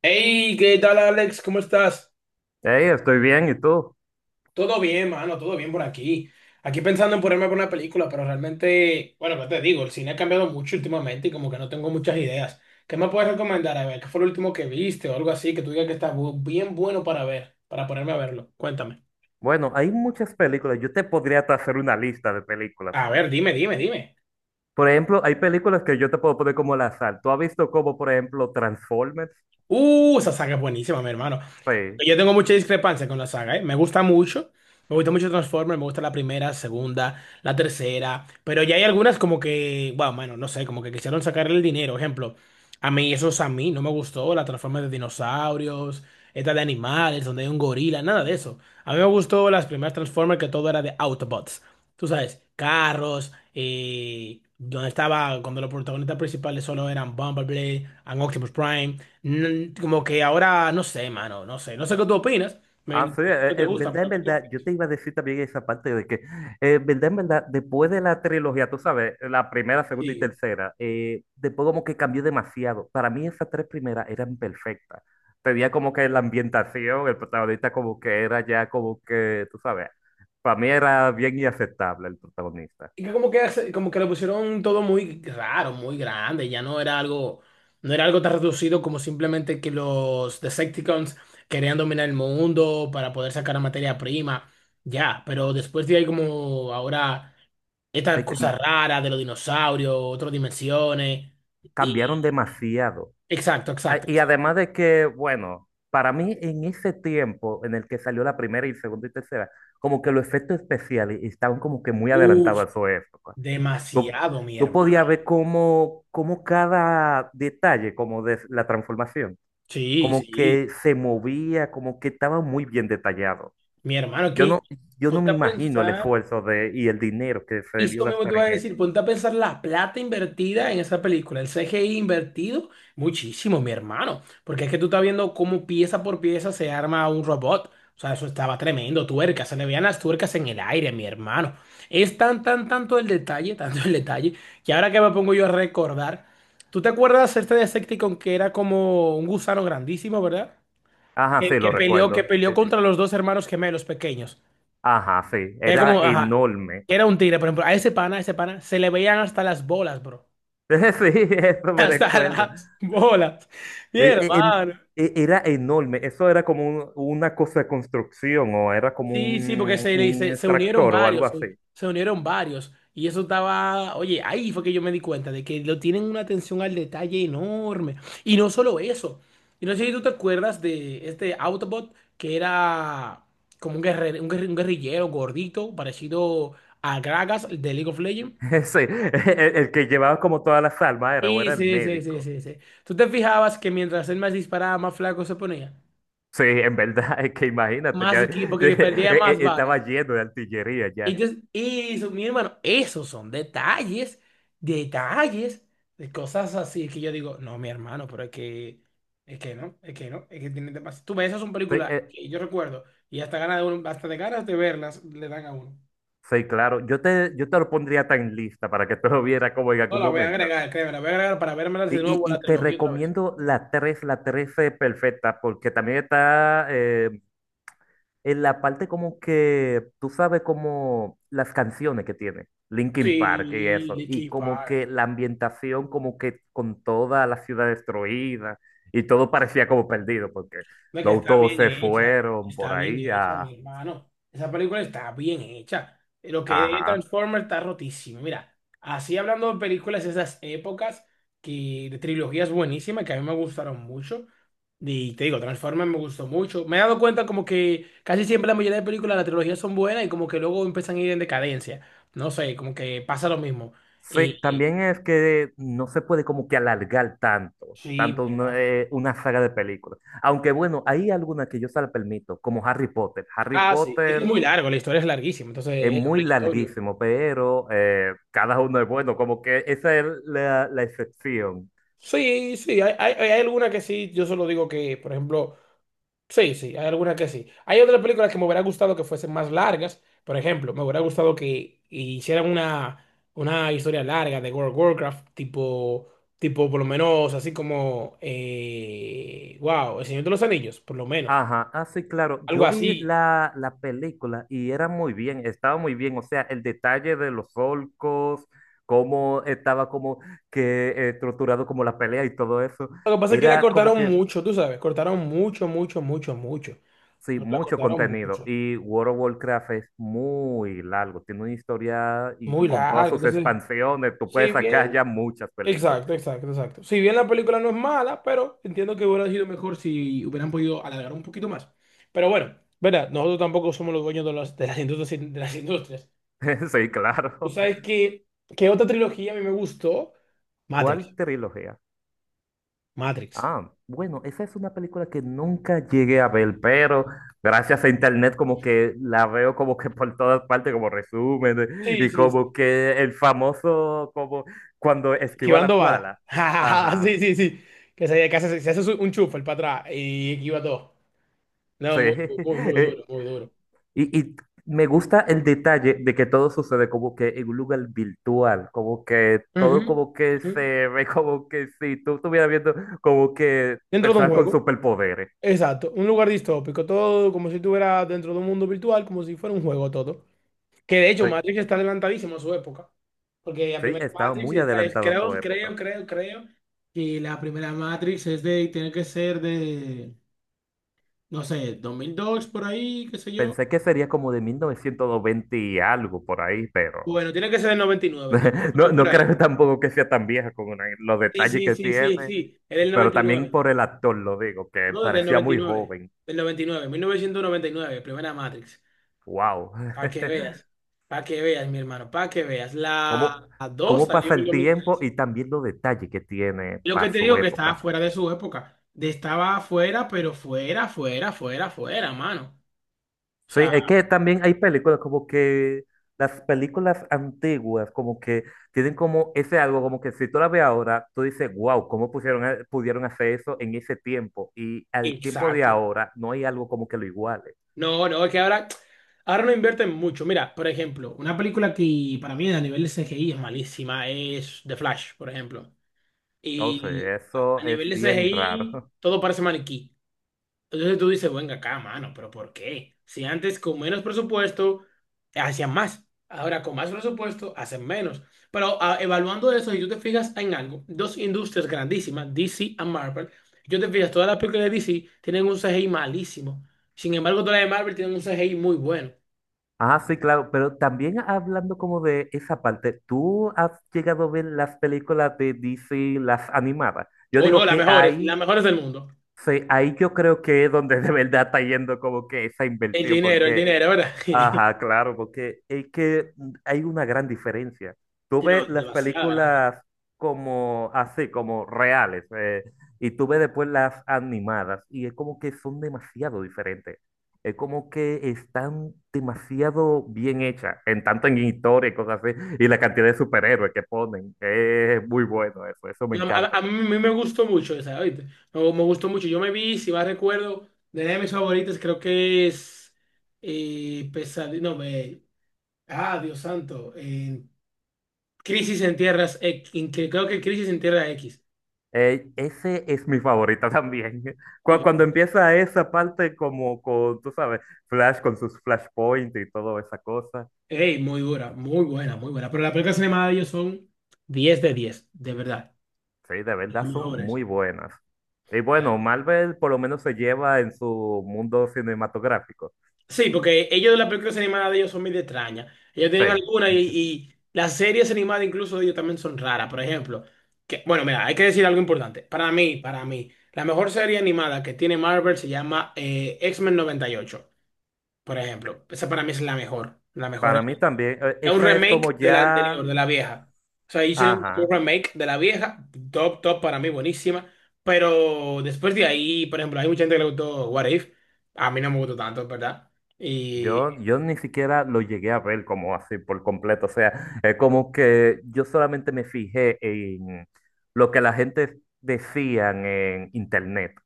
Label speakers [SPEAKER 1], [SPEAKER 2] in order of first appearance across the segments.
[SPEAKER 1] Hey, ¿qué tal, Alex? ¿Cómo estás?
[SPEAKER 2] Hey, estoy bien, ¿y tú?
[SPEAKER 1] Todo bien, mano, todo bien por aquí. Aquí pensando en ponerme por una película, pero realmente, bueno, ¿qué te digo? El cine ha cambiado mucho últimamente y como que no tengo muchas ideas. ¿Qué me puedes recomendar? A ver, ¿qué fue lo último que viste o algo así que tú digas que está bien bueno para ver, para ponerme a verlo? Cuéntame.
[SPEAKER 2] Bueno, hay muchas películas. Yo te podría hasta hacer una lista de películas.
[SPEAKER 1] A ver, dime, dime, dime.
[SPEAKER 2] Por ejemplo, hay películas que yo te puedo poner como al azar. ¿Tú has visto, como por ejemplo, Transformers?
[SPEAKER 1] Esa saga es buenísima, mi hermano.
[SPEAKER 2] Sí.
[SPEAKER 1] Yo tengo mucha discrepancia con la saga, ¿eh? Me gusta mucho. Me gusta mucho Transformers, me gusta la primera, segunda, la tercera. Pero ya hay algunas como que, bueno, mano, no sé, como que quisieron sacarle el dinero. Ejemplo, a mí, eso es a mí, no me gustó la Transformers de dinosaurios, esta de animales, donde hay un gorila, nada de eso. A mí me gustó las primeras Transformers que todo era de Autobots. Tú sabes, carros, donde estaba, cuando los protagonistas principales solo eran Bumblebee, and Optimus Prime. Como que ahora, no sé, mano, no sé, no sé qué tú opinas. Me
[SPEAKER 2] Ah, sí,
[SPEAKER 1] imagino que te
[SPEAKER 2] en
[SPEAKER 1] gustan
[SPEAKER 2] verdad,
[SPEAKER 1] pero que tú.
[SPEAKER 2] yo te iba a decir también esa parte de que, en verdad, después de la trilogía, tú sabes, la primera, segunda y
[SPEAKER 1] Sí.
[SPEAKER 2] tercera. Eh, después como que cambió demasiado. Para mí esas tres primeras eran perfectas. Tenía como que la ambientación, el protagonista como que era ya como que, tú sabes, para mí era bien inaceptable el protagonista.
[SPEAKER 1] Y que como que, como que lo pusieron todo muy raro, muy grande. Ya no era algo tan reducido como simplemente que los Decepticons querían dominar el mundo para poder sacar la materia prima. Ya, pero después de ahí como ahora estas
[SPEAKER 2] Se cam-
[SPEAKER 1] cosas raras de los dinosaurios, otras dimensiones. Y,
[SPEAKER 2] Cambiaron demasiado.
[SPEAKER 1] exacto, exacto,
[SPEAKER 2] Y
[SPEAKER 1] exacto.
[SPEAKER 2] además de que, bueno, para mí en ese tiempo en el que salió la primera y segunda y tercera, como que los efectos especiales estaban como que muy
[SPEAKER 1] Uf,
[SPEAKER 2] adelantados a su época. Tú,
[SPEAKER 1] demasiado, mi
[SPEAKER 2] tú podías
[SPEAKER 1] hermano.
[SPEAKER 2] ver como cada detalle, como de la transformación,
[SPEAKER 1] Sí,
[SPEAKER 2] como
[SPEAKER 1] sí.
[SPEAKER 2] que se movía, como que estaba muy bien detallado.
[SPEAKER 1] Mi hermano,
[SPEAKER 2] Yo
[SPEAKER 1] aquí,
[SPEAKER 2] no, yo no
[SPEAKER 1] ponte
[SPEAKER 2] me
[SPEAKER 1] a
[SPEAKER 2] imagino el
[SPEAKER 1] pensar,
[SPEAKER 2] esfuerzo de, y el dinero que se
[SPEAKER 1] y
[SPEAKER 2] debió
[SPEAKER 1] esto mismo te
[SPEAKER 2] gastar
[SPEAKER 1] iba
[SPEAKER 2] en
[SPEAKER 1] a decir,
[SPEAKER 2] eso.
[SPEAKER 1] ponte a pensar la plata invertida en esa película, el CGI invertido, muchísimo, mi hermano, porque es que tú estás viendo cómo pieza por pieza se arma un robot. O sea, eso estaba tremendo, tuercas, se le veían las tuercas en el aire, mi hermano. Es tan, tan, tanto el detalle, tanto el detalle, que ahora que me pongo yo a recordar, ¿tú te acuerdas este Decepticon que era como un gusano grandísimo, verdad?
[SPEAKER 2] Ajá,
[SPEAKER 1] Que,
[SPEAKER 2] sí,
[SPEAKER 1] que
[SPEAKER 2] lo
[SPEAKER 1] peleó, que
[SPEAKER 2] recuerdo.
[SPEAKER 1] peleó contra los dos hermanos gemelos pequeños.
[SPEAKER 2] Ajá, sí,
[SPEAKER 1] Que era
[SPEAKER 2] era
[SPEAKER 1] como, ajá,
[SPEAKER 2] enorme.
[SPEAKER 1] que era un tigre, por ejemplo, a ese pana, se le veían hasta las bolas, bro.
[SPEAKER 2] Sí, eso me
[SPEAKER 1] Hasta
[SPEAKER 2] recuerdo.
[SPEAKER 1] las bolas. Mi
[SPEAKER 2] Eh, eh, em-
[SPEAKER 1] hermano.
[SPEAKER 2] Era enorme, eso era como una cosa de construcción, o era como
[SPEAKER 1] Sí, sí, porque se, le-
[SPEAKER 2] un
[SPEAKER 1] se, se unieron
[SPEAKER 2] extractor o algo
[SPEAKER 1] varios,
[SPEAKER 2] así.
[SPEAKER 1] se unieron varios. Y eso estaba, oye, ahí fue que yo me di cuenta de que lo tienen una atención al detalle enorme. Y no solo eso. Y no sé si tú te acuerdas de este Autobot, que era como un guerrero, un guerrillero gordito, parecido a Gragas de League of Legends.
[SPEAKER 2] Sí, el que llevaba como todas las almas, era o
[SPEAKER 1] Y
[SPEAKER 2] era el
[SPEAKER 1] sí, sí, sí,
[SPEAKER 2] médico.
[SPEAKER 1] sí, sí. Tú te fijabas que mientras él más disparaba, más flaco se ponía.
[SPEAKER 2] Sí, en verdad, es que imagínate,
[SPEAKER 1] Más
[SPEAKER 2] ya,
[SPEAKER 1] ki- porque perdía más balas.
[SPEAKER 2] estaba lleno de artillería
[SPEAKER 1] Y,
[SPEAKER 2] ya.
[SPEAKER 1] yo- y eso, mi hermano, esos son detalles, detalles de cosas así que yo digo, no, mi hermano, pero es que no, es que tiene demasiado. Tú ves, esas son
[SPEAKER 2] Sí,
[SPEAKER 1] películas que yo recuerdo y hasta ganas de uno, hasta de ganas de verlas le dan a uno.
[SPEAKER 2] sí, claro, yo te lo pondría tan lista para que tú lo vieras como en
[SPEAKER 1] No,
[SPEAKER 2] algún
[SPEAKER 1] la voy a
[SPEAKER 2] momento.
[SPEAKER 1] agregar, créeme, la voy a agregar para verme
[SPEAKER 2] Y,
[SPEAKER 1] de
[SPEAKER 2] y,
[SPEAKER 1] nuevo la
[SPEAKER 2] y te
[SPEAKER 1] trilogía otra vez.
[SPEAKER 2] recomiendo la 3, la 13 perfecta, porque también está en la parte como que, tú sabes, como las canciones que tiene Linkin Park y
[SPEAKER 1] Sí,
[SPEAKER 2] eso, y
[SPEAKER 1] Linkin
[SPEAKER 2] como
[SPEAKER 1] Park.
[SPEAKER 2] que la ambientación como que con toda la ciudad destruida, y todo parecía como perdido porque
[SPEAKER 1] Hombre, que
[SPEAKER 2] los autos se fueron por
[SPEAKER 1] está bien
[SPEAKER 2] ahí
[SPEAKER 1] hecha,
[SPEAKER 2] a...
[SPEAKER 1] mi hermano. Esa película está bien hecha. Lo que de
[SPEAKER 2] Ajá.
[SPEAKER 1] Transformers está rotísimo. Mira, así hablando de películas de esas épocas, que de trilogías buenísimas que a mí me gustaron mucho. Y te digo, Transformers me gustó mucho. Me he dado cuenta como que casi siempre la mayoría de películas, las trilogías son buenas y como que luego empiezan a ir en decadencia. No sé, como que pasa lo mismo. Eh,
[SPEAKER 2] Sí,
[SPEAKER 1] eh,
[SPEAKER 2] también es que no se puede como que alargar tanto,
[SPEAKER 1] sí,
[SPEAKER 2] tanto
[SPEAKER 1] mi hermano.
[SPEAKER 2] una saga de películas. Aunque bueno, hay algunas que yo se la permito, como Harry Potter. Harry
[SPEAKER 1] Ah, sí. Es que es
[SPEAKER 2] Potter
[SPEAKER 1] muy largo, la historia es larguísima,
[SPEAKER 2] es
[SPEAKER 1] entonces es
[SPEAKER 2] muy
[SPEAKER 1] obligatorio.
[SPEAKER 2] larguísimo, pero cada uno es bueno, como que esa es la, la excepción.
[SPEAKER 1] Sí, sí, hay alguna que sí, yo solo digo que, por ejemplo, sí, sí, hay alguna que sí. Hay otras películas que me hubiera gustado que fuesen más largas, por ejemplo, me hubiera gustado que hicieran una historia larga de World of Warcraft, tipo, por lo menos, así como, wow, El Señor de los Anillos, por lo menos,
[SPEAKER 2] Ajá, ah, sí, claro.
[SPEAKER 1] algo
[SPEAKER 2] Yo vi
[SPEAKER 1] así.
[SPEAKER 2] la, la película y era muy bien, estaba muy bien. O sea, el detalle de los solcos, cómo estaba como que estructurado, como la pelea y todo eso.
[SPEAKER 1] Lo que pasa es que la
[SPEAKER 2] Era como
[SPEAKER 1] cortaron
[SPEAKER 2] que,
[SPEAKER 1] mucho, tú sabes, cortaron mucho, mucho, mucho, mucho.
[SPEAKER 2] sí,
[SPEAKER 1] La
[SPEAKER 2] mucho
[SPEAKER 1] cortaron
[SPEAKER 2] contenido.
[SPEAKER 1] mucho,
[SPEAKER 2] Y World of Warcraft es muy largo, tiene una historia, y
[SPEAKER 1] muy
[SPEAKER 2] con todas
[SPEAKER 1] larga,
[SPEAKER 2] sus
[SPEAKER 1] entonces.
[SPEAKER 2] expansiones, tú
[SPEAKER 1] Sí,
[SPEAKER 2] puedes sacar
[SPEAKER 1] bien,
[SPEAKER 2] ya muchas películas.
[SPEAKER 1] exacto, exacto, exacto. Si bien la película no es mala, pero entiendo que hubiera sido mejor si hubieran podido alargar un poquito más. Pero bueno, verá, nosotros tampoco somos los dueños de de las industrias.
[SPEAKER 2] Sí,
[SPEAKER 1] Tú
[SPEAKER 2] claro.
[SPEAKER 1] sabes que otra trilogía a mí me gustó. Matrix,
[SPEAKER 2] ¿Cuál trilogía?
[SPEAKER 1] Matrix.
[SPEAKER 2] Ah, bueno, esa es una película que nunca llegué a ver, pero gracias a internet como que la veo como que por todas partes, como resumen,
[SPEAKER 1] Sí,
[SPEAKER 2] y
[SPEAKER 1] sí, sí.
[SPEAKER 2] como que el famoso, como cuando esquiva las
[SPEAKER 1] Esquivando balas.
[SPEAKER 2] balas. Ajá,
[SPEAKER 1] Sí, sí, sí. Que se, que hace, se hace un chufa el para atrás y esquiva todo. No,
[SPEAKER 2] sí.
[SPEAKER 1] muy, muy, muy
[SPEAKER 2] Eh,
[SPEAKER 1] duro, muy duro.
[SPEAKER 2] Y, y me gusta el detalle de que todo sucede como que en un lugar virtual, como que
[SPEAKER 1] Ujú,
[SPEAKER 2] todo como que
[SPEAKER 1] ujú.
[SPEAKER 2] se ve como que si tú estuvieras viendo como que
[SPEAKER 1] Dentro de un
[SPEAKER 2] personas con
[SPEAKER 1] juego.
[SPEAKER 2] superpoderes.
[SPEAKER 1] Exacto, un lugar distópico, todo como si estuviera dentro de un mundo virtual, como si fuera un juego todo. Que de hecho
[SPEAKER 2] Sí.
[SPEAKER 1] Matrix está adelantadísimo a su época, porque la
[SPEAKER 2] Sí,
[SPEAKER 1] primera
[SPEAKER 2] estaba
[SPEAKER 1] Matrix
[SPEAKER 2] muy adelantado a su
[SPEAKER 1] creo, creo,
[SPEAKER 2] época.
[SPEAKER 1] creo, creo que la primera Matrix tiene que ser de, no sé, 2002 por ahí, qué sé yo.
[SPEAKER 2] Pensé que sería como de 1920 y algo por ahí, pero
[SPEAKER 1] Bueno, tiene que ser del 99, entonces, pero
[SPEAKER 2] no,
[SPEAKER 1] es por
[SPEAKER 2] no
[SPEAKER 1] ahí.
[SPEAKER 2] creo tampoco que sea tan vieja con los
[SPEAKER 1] Sí,
[SPEAKER 2] detalles
[SPEAKER 1] sí,
[SPEAKER 2] que
[SPEAKER 1] sí, sí,
[SPEAKER 2] tiene,
[SPEAKER 1] sí, es del
[SPEAKER 2] pero también
[SPEAKER 1] 99,
[SPEAKER 2] por el actor lo digo, que
[SPEAKER 1] no, del
[SPEAKER 2] parecía muy
[SPEAKER 1] 99,
[SPEAKER 2] joven.
[SPEAKER 1] del 99, 1999, primera Matrix.
[SPEAKER 2] ¡Wow!
[SPEAKER 1] Para que veas, para que veas, mi hermano, para que veas. La
[SPEAKER 2] ¿Cómo,
[SPEAKER 1] 2
[SPEAKER 2] cómo
[SPEAKER 1] salió
[SPEAKER 2] pasa
[SPEAKER 1] en el
[SPEAKER 2] el
[SPEAKER 1] 2000.
[SPEAKER 2] tiempo, y también los detalles que tiene
[SPEAKER 1] Y lo que
[SPEAKER 2] para
[SPEAKER 1] te
[SPEAKER 2] su
[SPEAKER 1] digo que estaba
[SPEAKER 2] época?
[SPEAKER 1] fuera de su época. De estaba fuera, pero fuera, fuera, fuera, fuera, mano. O
[SPEAKER 2] Sí,
[SPEAKER 1] sea,
[SPEAKER 2] es que también hay películas como que las películas antiguas como que tienen como ese algo, como que si tú la ves ahora, tú dices, wow, ¿cómo pusieron, pudieron hacer eso en ese tiempo? Y al tiempo de
[SPEAKER 1] exacto.
[SPEAKER 2] ahora no hay algo como que lo iguale.
[SPEAKER 1] No, no, es que ahora no invierten mucho. Mira, por ejemplo, una película que para mí a nivel de CGI es malísima es The Flash, por ejemplo.
[SPEAKER 2] O
[SPEAKER 1] Y
[SPEAKER 2] sea,
[SPEAKER 1] a
[SPEAKER 2] eso
[SPEAKER 1] nivel
[SPEAKER 2] es
[SPEAKER 1] de
[SPEAKER 2] bien
[SPEAKER 1] CGI
[SPEAKER 2] raro.
[SPEAKER 1] todo parece maniquí. Entonces tú dices, venga acá, mano, pero ¿por qué? Si antes con menos presupuesto hacían más, ahora con más presupuesto hacen menos. Pero evaluando eso, si tú te fijas en algo, dos industrias grandísimas, DC y Marvel. Yo te fijas, todas las películas de DC tienen un CGI malísimo. Sin embargo, todas las de Marvel tienen un CGI muy bueno.
[SPEAKER 2] Ah, sí, claro, pero también hablando como de esa parte, ¿tú has llegado a ver las películas de DC, las animadas? Yo
[SPEAKER 1] O no,
[SPEAKER 2] digo que
[SPEAKER 1] las
[SPEAKER 2] hay,
[SPEAKER 1] mejores del mundo.
[SPEAKER 2] sí, ahí yo creo que es donde de verdad está yendo como que esa inversión,
[SPEAKER 1] El
[SPEAKER 2] porque,
[SPEAKER 1] dinero, ¿verdad?
[SPEAKER 2] ajá, claro, porque es que hay una gran diferencia. Tú
[SPEAKER 1] No,
[SPEAKER 2] ves las
[SPEAKER 1] demasiado grande.
[SPEAKER 2] películas como así, como reales, y tú ves después las animadas, y es como que son demasiado diferentes. Es como que están demasiado bien hechas, en tanto en historia y cosas así, y la cantidad de superhéroes que ponen, es muy bueno eso me
[SPEAKER 1] No, a,
[SPEAKER 2] encanta
[SPEAKER 1] a mí
[SPEAKER 2] también.
[SPEAKER 1] me gustó mucho esa, ¿oíste? No, me gustó mucho. Yo me vi, si mal recuerdo, de mis favoritas, creo que es Pesadilla. No, Dios santo. Crisis en Tierras X. Creo que Crisis en Tierra X.
[SPEAKER 2] Ey, ese es mi favorita también. Cuando
[SPEAKER 1] Y-
[SPEAKER 2] empieza esa parte como con, tú sabes, Flash con sus flashpoints y toda esa cosa.
[SPEAKER 1] Ey, muy dura, muy buena, muy buena. Pero las películas animadas de ellos son 10 de 10 de verdad.
[SPEAKER 2] Sí, de
[SPEAKER 1] Las
[SPEAKER 2] verdad son
[SPEAKER 1] mejores.
[SPEAKER 2] muy buenas. Y bueno, Marvel por lo menos se lleva en su mundo cinematográfico.
[SPEAKER 1] Sí, porque ellos, las películas animadas de ellos son medio extrañas. Ellos
[SPEAKER 2] Sí,
[SPEAKER 1] tienen algunas y, las series animadas incluso de ellos también son raras. Por ejemplo, que, bueno, mira, hay que decir algo importante. Para mí, la mejor serie animada que tiene Marvel se llama X-Men 98, por ejemplo. Esa para mí es la mejor. La mejor.
[SPEAKER 2] para mí también.
[SPEAKER 1] Es un
[SPEAKER 2] Esa es
[SPEAKER 1] remake
[SPEAKER 2] como
[SPEAKER 1] de la anterior,
[SPEAKER 2] ya,
[SPEAKER 1] de la vieja. O sea, hizo un
[SPEAKER 2] ajá.
[SPEAKER 1] remake de la vieja, top, top para mí, buenísima. Pero después de ahí, por ejemplo, hay mucha gente que le gustó What If. A mí no me gustó tanto, ¿verdad? Y.
[SPEAKER 2] Yo ni siquiera lo llegué a ver como así por completo. O sea, es como que yo solamente me fijé en lo que la gente decían en internet.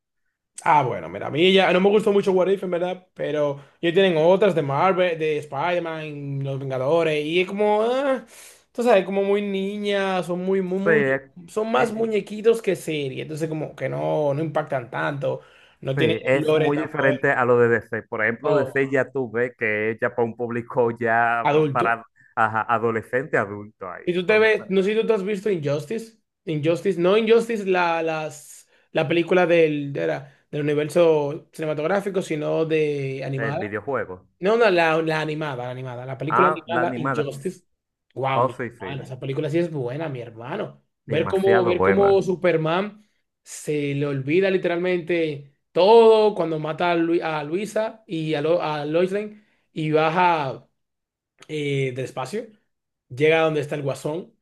[SPEAKER 1] Ah, bueno, mira, a mí ya no me gustó mucho What If, en verdad, pero ya tienen otras de Marvel, de Spider-Man, Los Vengadores, y es como, ah, tú sabes, como muy niñas, son muy, muy,
[SPEAKER 2] Sí,
[SPEAKER 1] muy,
[SPEAKER 2] es,
[SPEAKER 1] son más
[SPEAKER 2] es-
[SPEAKER 1] muñequitos que serie, entonces como que no, no impactan tanto, no
[SPEAKER 2] sí,
[SPEAKER 1] tienen un
[SPEAKER 2] es
[SPEAKER 1] lore
[SPEAKER 2] muy
[SPEAKER 1] tan bueno,
[SPEAKER 2] diferente a lo de DC. Por ejemplo,
[SPEAKER 1] no,
[SPEAKER 2] DC ya tuve que es ya para un público ya
[SPEAKER 1] adulto.
[SPEAKER 2] para, ajá, adolescente, adulto ahí.
[SPEAKER 1] Y tú te
[SPEAKER 2] Entonces,
[SPEAKER 1] ves, no sé si tú te has visto Injustice, Injustice, no Injustice, la película del universo cinematográfico, sino de
[SPEAKER 2] el
[SPEAKER 1] animada.
[SPEAKER 2] videojuego.
[SPEAKER 1] No, no, la animada, la animada. La película
[SPEAKER 2] Ah, la
[SPEAKER 1] animada
[SPEAKER 2] animada.
[SPEAKER 1] Injustice. Wow,
[SPEAKER 2] Oh,
[SPEAKER 1] mi
[SPEAKER 2] sí, sí.
[SPEAKER 1] hermano, esa película sí es buena, mi hermano. Ver cómo,
[SPEAKER 2] Demasiado
[SPEAKER 1] ver cómo
[SPEAKER 2] buena.
[SPEAKER 1] Superman se le olvida literalmente todo cuando mata a Luisa y a Lois Lane y baja del espacio, llega a donde está el guasón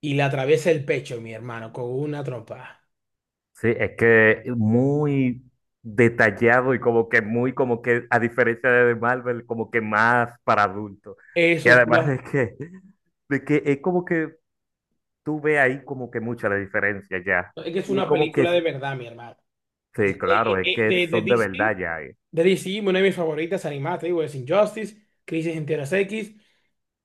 [SPEAKER 1] y le atraviesa el pecho, mi hermano, con una trompa.
[SPEAKER 2] Sí, es que muy detallado, y como que muy, como que a diferencia de Marvel, como que más para adultos. Y
[SPEAKER 1] Eso es,
[SPEAKER 2] además
[SPEAKER 1] una-
[SPEAKER 2] de que es como que tú ves ahí como que mucha la diferencia ya.
[SPEAKER 1] es que es
[SPEAKER 2] Y es
[SPEAKER 1] una
[SPEAKER 2] como que,
[SPEAKER 1] película de verdad, mi hermano.
[SPEAKER 2] sí,
[SPEAKER 1] Eh,
[SPEAKER 2] claro,
[SPEAKER 1] eh,
[SPEAKER 2] es
[SPEAKER 1] eh,
[SPEAKER 2] que
[SPEAKER 1] de, de
[SPEAKER 2] son de verdad
[SPEAKER 1] DC,
[SPEAKER 2] ya.
[SPEAKER 1] de DC, una de mis favoritas animadas, te digo, es Injustice, Crisis en Tierras X.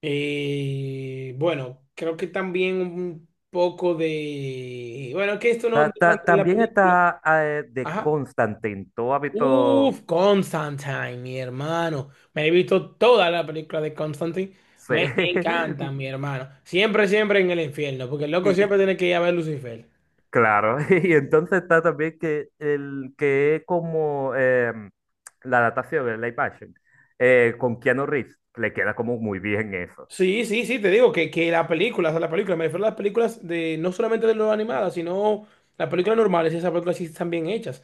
[SPEAKER 1] Bueno, creo que también un poco de. Bueno, que esto no entra tanto en la
[SPEAKER 2] También
[SPEAKER 1] película.
[SPEAKER 2] está de
[SPEAKER 1] Ajá.
[SPEAKER 2] Constantine, ¿tú has visto?
[SPEAKER 1] Uf, Constantine, mi hermano. Me he visto toda la película de Constantine.
[SPEAKER 2] Sí.
[SPEAKER 1] Me encanta, mi hermano. Siempre, siempre en el infierno, porque el loco siempre tiene que ir a ver Lucifer.
[SPEAKER 2] Claro, y entonces está también que el que es como la adaptación de live action, con Keanu Reeves, le queda como muy bien eso.
[SPEAKER 1] Sí, sí, sí, te digo que la película, o sea, la película, me refiero a las películas de, no solamente de lo animadas, sino las películas normales, esas películas sí están bien hechas.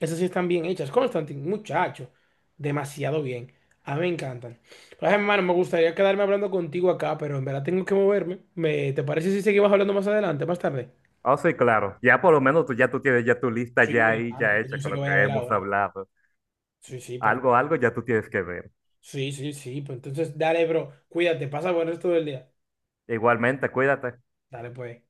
[SPEAKER 1] Esas sí están bien hechas. Constantine, muchacho, demasiado bien. A mí me encantan. Pero, ay, hermano, me gustaría quedarme hablando contigo acá, pero en verdad tengo que moverme. ¿Te parece si seguimos hablando más adelante, más tarde?
[SPEAKER 2] Ah, sí, claro, ya por lo menos tú ya tú tienes ya tu lista
[SPEAKER 1] Sí,
[SPEAKER 2] ya
[SPEAKER 1] mi
[SPEAKER 2] ahí,
[SPEAKER 1] hermano,
[SPEAKER 2] ya hecha
[SPEAKER 1] yo sé
[SPEAKER 2] con
[SPEAKER 1] que
[SPEAKER 2] lo
[SPEAKER 1] voy a
[SPEAKER 2] que
[SPEAKER 1] ver
[SPEAKER 2] hemos
[SPEAKER 1] ahora.
[SPEAKER 2] hablado.
[SPEAKER 1] Sí, sí, pero.
[SPEAKER 2] Algo, algo ya tú tienes que ver.
[SPEAKER 1] Sí, sí, sí, pues entonces, dale, bro, cuídate, pasa buen resto del día.
[SPEAKER 2] Igualmente, cuídate.
[SPEAKER 1] Dale, pues.